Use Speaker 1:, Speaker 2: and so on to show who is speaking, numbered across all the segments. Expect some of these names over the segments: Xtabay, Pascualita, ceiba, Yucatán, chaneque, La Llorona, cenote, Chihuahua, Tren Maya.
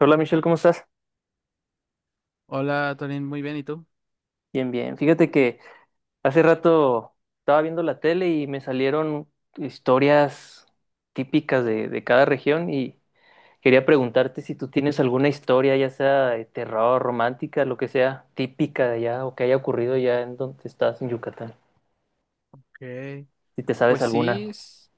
Speaker 1: Hola Michelle, ¿cómo estás?
Speaker 2: Hola, Torín, muy bien, ¿y tú?
Speaker 1: Bien, bien. Fíjate que hace rato estaba viendo la tele y me salieron historias típicas de cada región y quería preguntarte si tú tienes alguna historia, ya sea de terror, romántica, lo que sea, típica de allá o que haya ocurrido ya en donde estás, en Yucatán.
Speaker 2: Ok.
Speaker 1: Si te sabes
Speaker 2: Pues sí,
Speaker 1: alguna.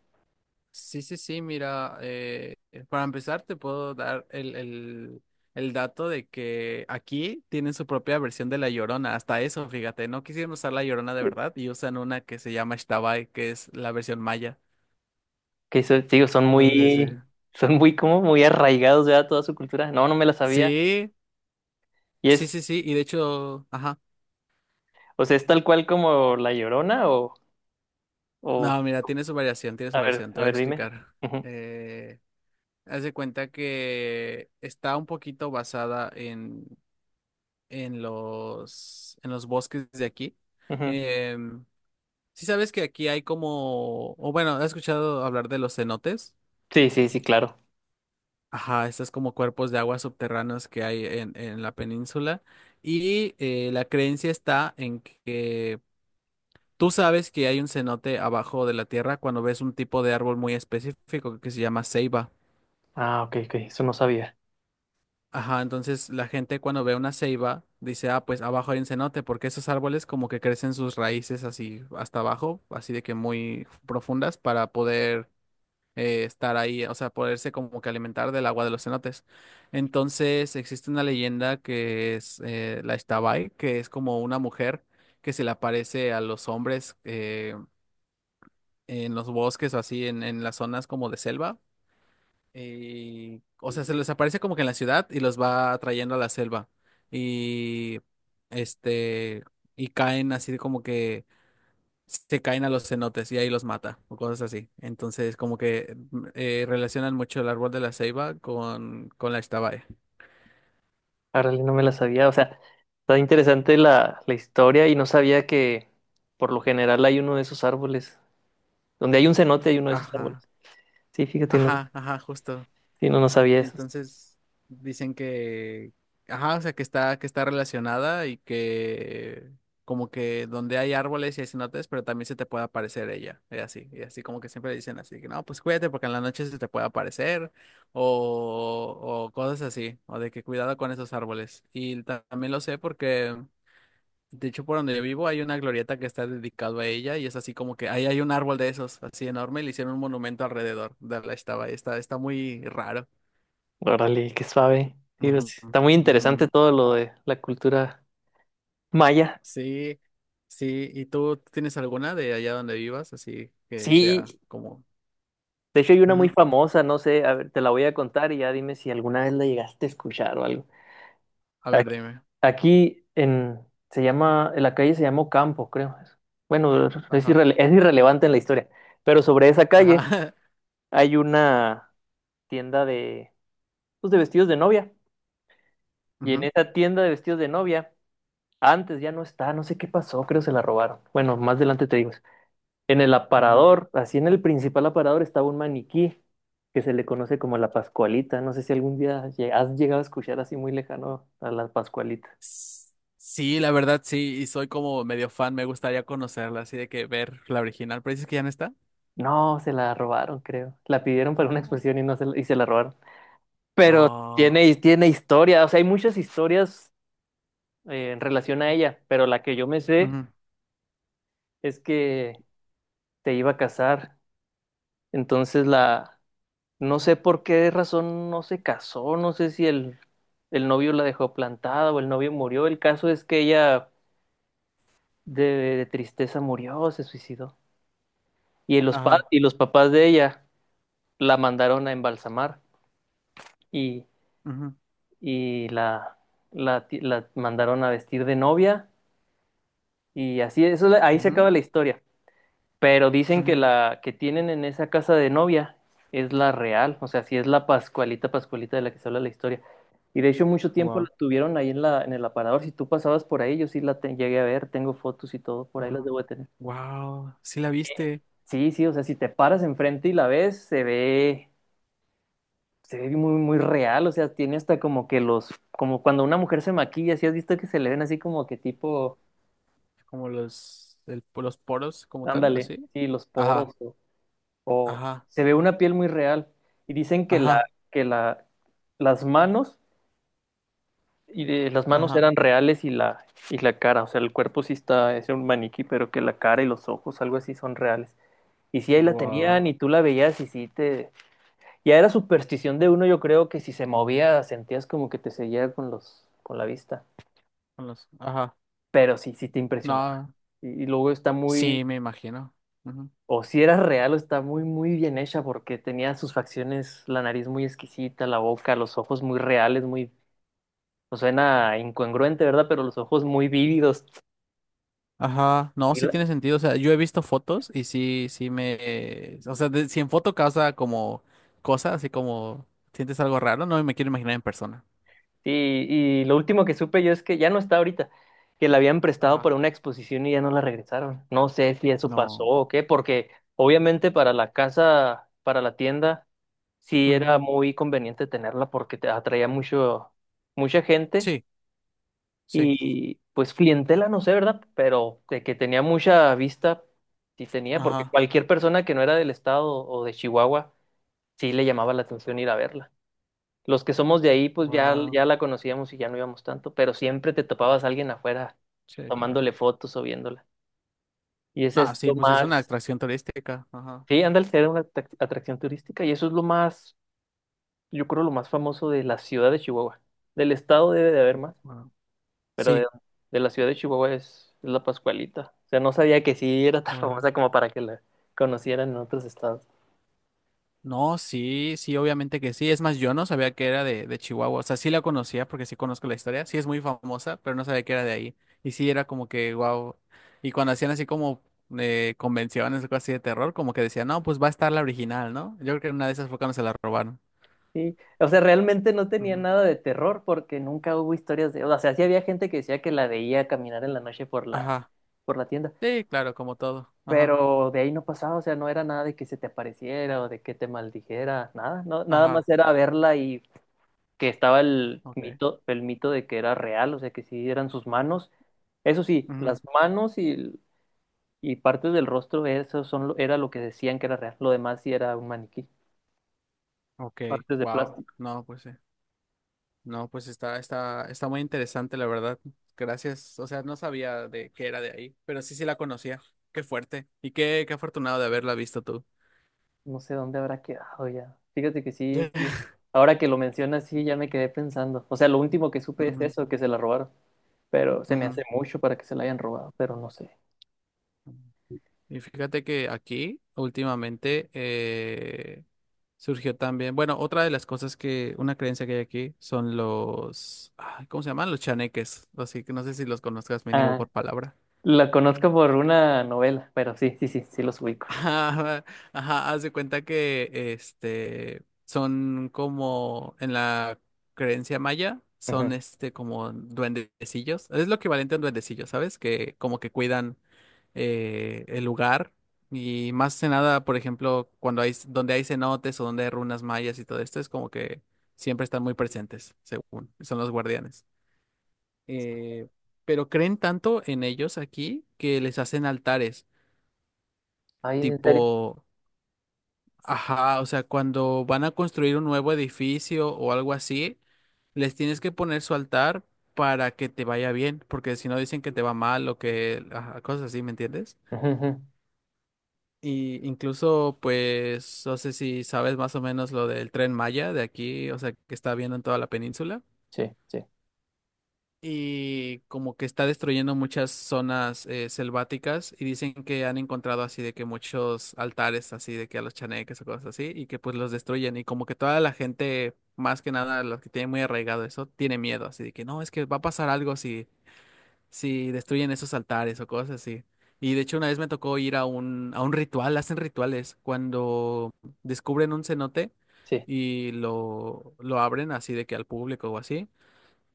Speaker 2: sí, sí, sí, mira, para empezar te puedo dar el dato de que aquí tienen su propia versión de La Llorona, hasta eso, fíjate, no quisieron usar La Llorona de
Speaker 1: Eh,
Speaker 2: verdad y usan una que se llama Xtabay, que es la versión maya.
Speaker 1: Te digo,
Speaker 2: Entonces,
Speaker 1: son muy como muy arraigados ya a toda su cultura. No, no me la sabía.
Speaker 2: sí,
Speaker 1: Y
Speaker 2: sí,
Speaker 1: es,
Speaker 2: sí, sí, sí, y de hecho, ajá,
Speaker 1: o sea, es tal cual como La Llorona o,
Speaker 2: no, mira, tiene su variación, te
Speaker 1: a
Speaker 2: voy a
Speaker 1: ver, dime.
Speaker 2: explicar. Eh, Haz de cuenta que está un poquito basada en en los bosques de aquí.
Speaker 1: Ujú.
Speaker 2: Em, sí sabes que aquí hay como, o bueno, ¿has escuchado hablar de los cenotes?
Speaker 1: Sí, sí, sí, claro.
Speaker 2: Ajá, estos como cuerpos de aguas subterráneos que hay en la península. Y la creencia está en que tú sabes que hay un cenote abajo de la tierra cuando ves un tipo de árbol muy específico que se llama ceiba.
Speaker 1: Ah, ok, ok, eso no sabía.
Speaker 2: Ajá, entonces la gente cuando ve una ceiba dice, ah, pues abajo hay un cenote, porque esos árboles como que crecen sus raíces así hasta abajo, así de que muy profundas para poder estar ahí, o sea, poderse como que alimentar del agua de los cenotes. Entonces existe una leyenda que es la Ixtabay, que es como una mujer que se le aparece a los hombres en los bosques o así, en las zonas como de selva o sea, se les aparece como que en la ciudad y los va atrayendo a la selva. Y este, y caen así como que se caen a los cenotes y ahí los mata o cosas así. Entonces, como que relacionan mucho el árbol de la ceiba con la Ixtabay.
Speaker 1: Ahora no me la sabía. O sea, está interesante la historia y no sabía que por lo general hay uno de esos árboles. Donde hay un cenote hay uno de esos árboles.
Speaker 2: Ajá,
Speaker 1: Sí, fíjate, no,
Speaker 2: ajá, ajá, justo.
Speaker 1: sí, no, no sabía eso.
Speaker 2: Entonces dicen que, ajá, o sea, que está relacionada y que como que donde hay árboles y hay cenotes, pero también se te puede aparecer ella, y así como que siempre dicen así, que no, pues cuídate porque en la noche se te puede aparecer o cosas así, o de que cuidado con esos árboles. Y también lo sé porque, de hecho, por donde yo vivo hay una glorieta que está dedicada a ella y es así como que ahí hay un árbol de esos, así enorme, y le hicieron un monumento alrededor de la estaba, está, está muy raro.
Speaker 1: Órale, qué suave. Sí,
Speaker 2: Ujú,
Speaker 1: pues, está muy
Speaker 2: ujú.
Speaker 1: interesante todo lo de la cultura maya.
Speaker 2: Sí, sí. ¿Y tú tienes alguna de allá donde vivas? Así que
Speaker 1: Sí,
Speaker 2: sea como...
Speaker 1: de hecho hay una muy
Speaker 2: Ujú.
Speaker 1: famosa, no sé, a ver, te la voy a contar y ya dime si alguna vez la llegaste a escuchar o algo.
Speaker 2: A
Speaker 1: Ac-
Speaker 2: ver, dime.
Speaker 1: Aquí en se llama, en la calle se llamó Campo, creo. Bueno,
Speaker 2: Ajá,
Speaker 1: es irrelevante en la historia. Pero sobre esa calle
Speaker 2: ajá.
Speaker 1: hay una tienda de, pues, de vestidos de novia. Y en
Speaker 2: Ujú,
Speaker 1: esa tienda de vestidos de novia, antes ya no está, no sé qué pasó, creo se la robaron. Bueno, más adelante te digo eso. En el
Speaker 2: ujú.
Speaker 1: aparador, así en el principal aparador, estaba un maniquí que se le conoce como la Pascualita. No sé si algún día has llegado a escuchar así muy lejano a la Pascualita.
Speaker 2: S- Sí, la verdad, sí. Y soy como medio fan. Me gustaría conocerla, así de que ver la original. ¿Pero dices que ya no está?
Speaker 1: No, se la robaron, creo. La pidieron para una
Speaker 2: No.
Speaker 1: exposición y no se y se la robaron. Pero
Speaker 2: Ah.
Speaker 1: tiene, tiene historia, o sea, hay muchas historias en relación a ella, pero la que yo me sé
Speaker 2: Ujú,
Speaker 1: es que se iba a casar. Entonces no sé por qué razón no se casó, no sé si el novio la dejó plantada o el novio murió. El caso es que ella de, de tristeza murió, se suicidó. Y
Speaker 2: ajá.
Speaker 1: y los papás de ella la mandaron a embalsamar. Y
Speaker 2: Ujú,
Speaker 1: y la, la mandaron a vestir de novia y así, eso, ahí se
Speaker 2: ujú,
Speaker 1: acaba la historia. Pero dicen que
Speaker 2: ujú.
Speaker 1: la que tienen en esa casa de novia es la real, o sea, sí es la Pascualita, Pascualita de la que se habla la historia. Y de hecho mucho tiempo la
Speaker 2: Wow.
Speaker 1: tuvieron ahí en en el aparador. Si tú pasabas por ahí, yo sí llegué a ver, tengo fotos y todo, por ahí las
Speaker 2: Ajá.
Speaker 1: debo de tener.
Speaker 2: Wow. Sí la viste.
Speaker 1: Sí, sí, o sea, si te paras enfrente y la ves, se ve muy, muy real, o sea, tiene hasta como que los, como cuando una mujer se maquilla, si has visto que se le ven así como que tipo
Speaker 2: Como los, los poros como tal,
Speaker 1: Ándale,
Speaker 2: así.
Speaker 1: sí, los
Speaker 2: Ajá.
Speaker 1: poros o
Speaker 2: Ajá.
Speaker 1: se ve una piel muy real. Y dicen que
Speaker 2: Ajá,
Speaker 1: que la, las manos las manos
Speaker 2: ajá.
Speaker 1: eran reales y y la cara, o sea, el cuerpo sí está, es un maniquí, pero que la cara y los ojos, algo así, son reales. Y sí, ahí la
Speaker 2: Wow.
Speaker 1: tenían y tú la veías y sí te... Ya era superstición de uno, yo creo que si se movía sentías como que te seguía con los, con la vista.
Speaker 2: Ajá,
Speaker 1: Pero sí, sí te impresionaba.
Speaker 2: no,
Speaker 1: Y luego está muy,
Speaker 2: sí, me imagino. Ujú.
Speaker 1: o si era real o está muy, muy bien hecha porque tenía sus facciones, la nariz muy exquisita, la boca, los ojos muy reales, muy... O suena incongruente, ¿verdad? Pero los ojos muy vívidos.
Speaker 2: Ajá, no,
Speaker 1: Y,
Speaker 2: sí
Speaker 1: la-
Speaker 2: tiene sentido. O sea, yo he visto fotos y sí, sí me. O sea, si en foto causa como cosas, así como sientes algo raro, no me quiero imaginar en persona.
Speaker 1: y, y lo último que supe yo es que ya no está ahorita, que la habían prestado
Speaker 2: Ajá.
Speaker 1: para una exposición y ya no la regresaron. No sé si eso pasó
Speaker 2: No.
Speaker 1: o qué, porque obviamente para la casa, para la tienda, sí era
Speaker 2: Ujú.
Speaker 1: muy conveniente tenerla porque te atraía mucho, mucha gente.
Speaker 2: Sí, sí,
Speaker 1: Y pues clientela, no sé, ¿verdad? Pero de que tenía mucha vista, sí tenía, porque
Speaker 2: ajá,
Speaker 1: cualquier persona que no era del estado o de Chihuahua, sí le llamaba la atención ir a verla. Los que somos de ahí, pues ya,
Speaker 2: wow,
Speaker 1: ya la conocíamos y ya no íbamos tanto, pero siempre te topabas a alguien afuera
Speaker 2: sí, claro.
Speaker 1: tomándole fotos o viéndola. Y ese
Speaker 2: Ah,
Speaker 1: es
Speaker 2: sí,
Speaker 1: lo
Speaker 2: pues es una
Speaker 1: más,
Speaker 2: atracción turística, ajá,
Speaker 1: sí, ándale, era una atracción turística y eso es lo más, yo creo, lo más famoso de la ciudad de Chihuahua. Del estado debe de haber más,
Speaker 2: wow.
Speaker 1: pero
Speaker 2: Sí.
Speaker 1: de la ciudad de Chihuahua es la Pascualita. O sea, no sabía que sí era tan
Speaker 2: Wow.
Speaker 1: famosa como para que la conocieran en otros estados.
Speaker 2: No, sí, sí, obviamente que sí. Es más, yo no sabía que era de Chihuahua. O sea, sí la conocía porque sí conozco la historia. Sí es muy famosa, pero no sabía que era de ahí. Y sí era como que, wow. Y cuando hacían así como convenciones o cosas así de terror, como que decían, no, pues va a estar la original, ¿no? Yo creo que una de esas fue cuando se la robaron.
Speaker 1: Sí, o sea, realmente no tenía
Speaker 2: Ujú.
Speaker 1: nada de terror porque nunca hubo historias de... O sea, sí había gente que decía que la veía caminar en la noche por
Speaker 2: Ajá.
Speaker 1: por la tienda,
Speaker 2: Sí, claro, como todo. Ajá.
Speaker 1: pero de ahí no pasaba, o sea, no era nada de que se te apareciera o de que te maldijera, nada, no, nada más
Speaker 2: Ajá.
Speaker 1: era verla y que estaba
Speaker 2: Ok.
Speaker 1: el mito de que era real, o sea, que sí eran sus manos. Eso sí, las
Speaker 2: Ujú.
Speaker 1: manos. Y partes del rostro, eso son, era lo que decían que era real. Lo demás sí era un maniquí.
Speaker 2: Ok.
Speaker 1: Partes de
Speaker 2: Wow.
Speaker 1: plástico.
Speaker 2: No, pues sí. No, pues está, está, está muy interesante, la verdad. Gracias. O sea, no sabía de qué era de ahí, pero sí, sí la conocía. Qué fuerte. Y qué, qué afortunado de haberla visto tú.
Speaker 1: No sé dónde habrá quedado ya. Fíjate que sí, sí. Ahora que lo mencionas, sí, ya me quedé pensando. O sea, lo último que supe es
Speaker 2: Ujú,
Speaker 1: eso, que se la robaron. Pero se me
Speaker 2: ujú.
Speaker 1: hace mucho para que se la hayan robado, pero no sé.
Speaker 2: Y fíjate que aquí últimamente surgió también, bueno, otra de las cosas que, una creencia que hay aquí son los, ay, ¿cómo se llaman? Los chaneques. Así que no sé si los conozcas mínimo
Speaker 1: Ah,
Speaker 2: por palabra.
Speaker 1: la conozco por una novela, pero sí, sí, sí, sí los ubico.
Speaker 2: Ajá, ajá, haz de cuenta que este son como en la creencia maya, son
Speaker 1: Ujú.
Speaker 2: este como duendecillos. Es lo equivalente a un duendecillo, ¿sabes? Que como que cuidan el lugar. Y más que nada, por ejemplo, cuando hay donde hay cenotes o donde hay runas mayas y todo esto, es como que siempre están muy presentes, según son los guardianes. Eh, pero creen tanto en ellos aquí que les hacen altares
Speaker 1: Ay, ¿en serio?
Speaker 2: tipo. Ajá, o sea, cuando van a construir un nuevo edificio o algo así, les tienes que poner su altar para que te vaya bien, porque si no dicen que te va mal o que ajá, cosas así, ¿me entiendes?
Speaker 1: Ujú, ujú.
Speaker 2: Y incluso, pues, no sé si sabes más o menos lo del Tren Maya de aquí, o sea, que está viendo en toda la península.
Speaker 1: Sí, sí,
Speaker 2: Y como que está destruyendo muchas zonas selváticas y dicen que han encontrado así de que muchos altares así de que a los chaneques o cosas así y que pues los destruyen y como que toda la gente, más que nada los que tienen muy arraigado eso, tiene miedo así de que no, es que va a pasar algo si, si destruyen esos altares o cosas así. Y de hecho una vez me tocó ir a un ritual, hacen rituales cuando descubren un cenote
Speaker 1: sí.
Speaker 2: y lo abren así de que al público o así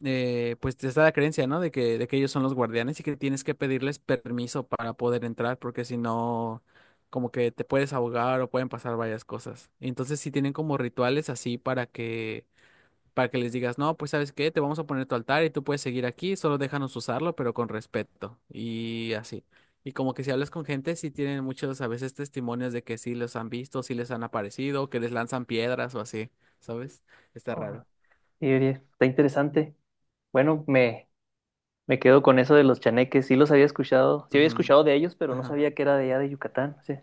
Speaker 2: pues está la creencia, ¿no? De que ellos son los guardianes y que tienes que pedirles permiso para poder entrar, porque si no, como que te puedes ahogar o pueden pasar varias cosas. Entonces sí tienen como rituales así para que les digas, no, pues ¿sabes qué? Te vamos a poner tu altar y tú puedes seguir aquí, solo déjanos usarlo, pero con respeto. Y así. Y como que si hablas con gente, sí tienen muchos a veces testimonios de que sí los han visto, sí les han aparecido, que les lanzan piedras o así, ¿sabes? Está
Speaker 1: Ah,
Speaker 2: raro.
Speaker 1: sí, Uriel, está interesante. Bueno, me, Me quedo con eso de los chaneques. Sí los había escuchado. Sí había
Speaker 2: Ujú.
Speaker 1: escuchado de ellos, pero no
Speaker 2: Ajá.
Speaker 1: sabía que era de allá de Yucatán. Sí.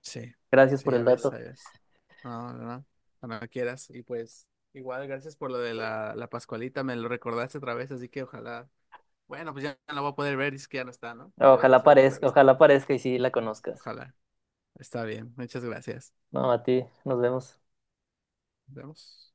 Speaker 2: Sí,
Speaker 1: Gracias
Speaker 2: sí,
Speaker 1: por
Speaker 2: ya
Speaker 1: el
Speaker 2: ves, ya
Speaker 1: dato.
Speaker 2: ves. No, no, no, no quieras. Y pues, igual, gracias por lo de la Pascualita, me lo recordaste otra vez, así que ojalá. Bueno, pues ya no la voy a poder ver, es que ya no está, ¿no? Pero qué suerte que la viste.
Speaker 1: Ojalá parezca y sí la conozcas.
Speaker 2: Ojalá. Está bien, muchas gracias.
Speaker 1: No, a ti. Nos vemos.
Speaker 2: Nos vemos.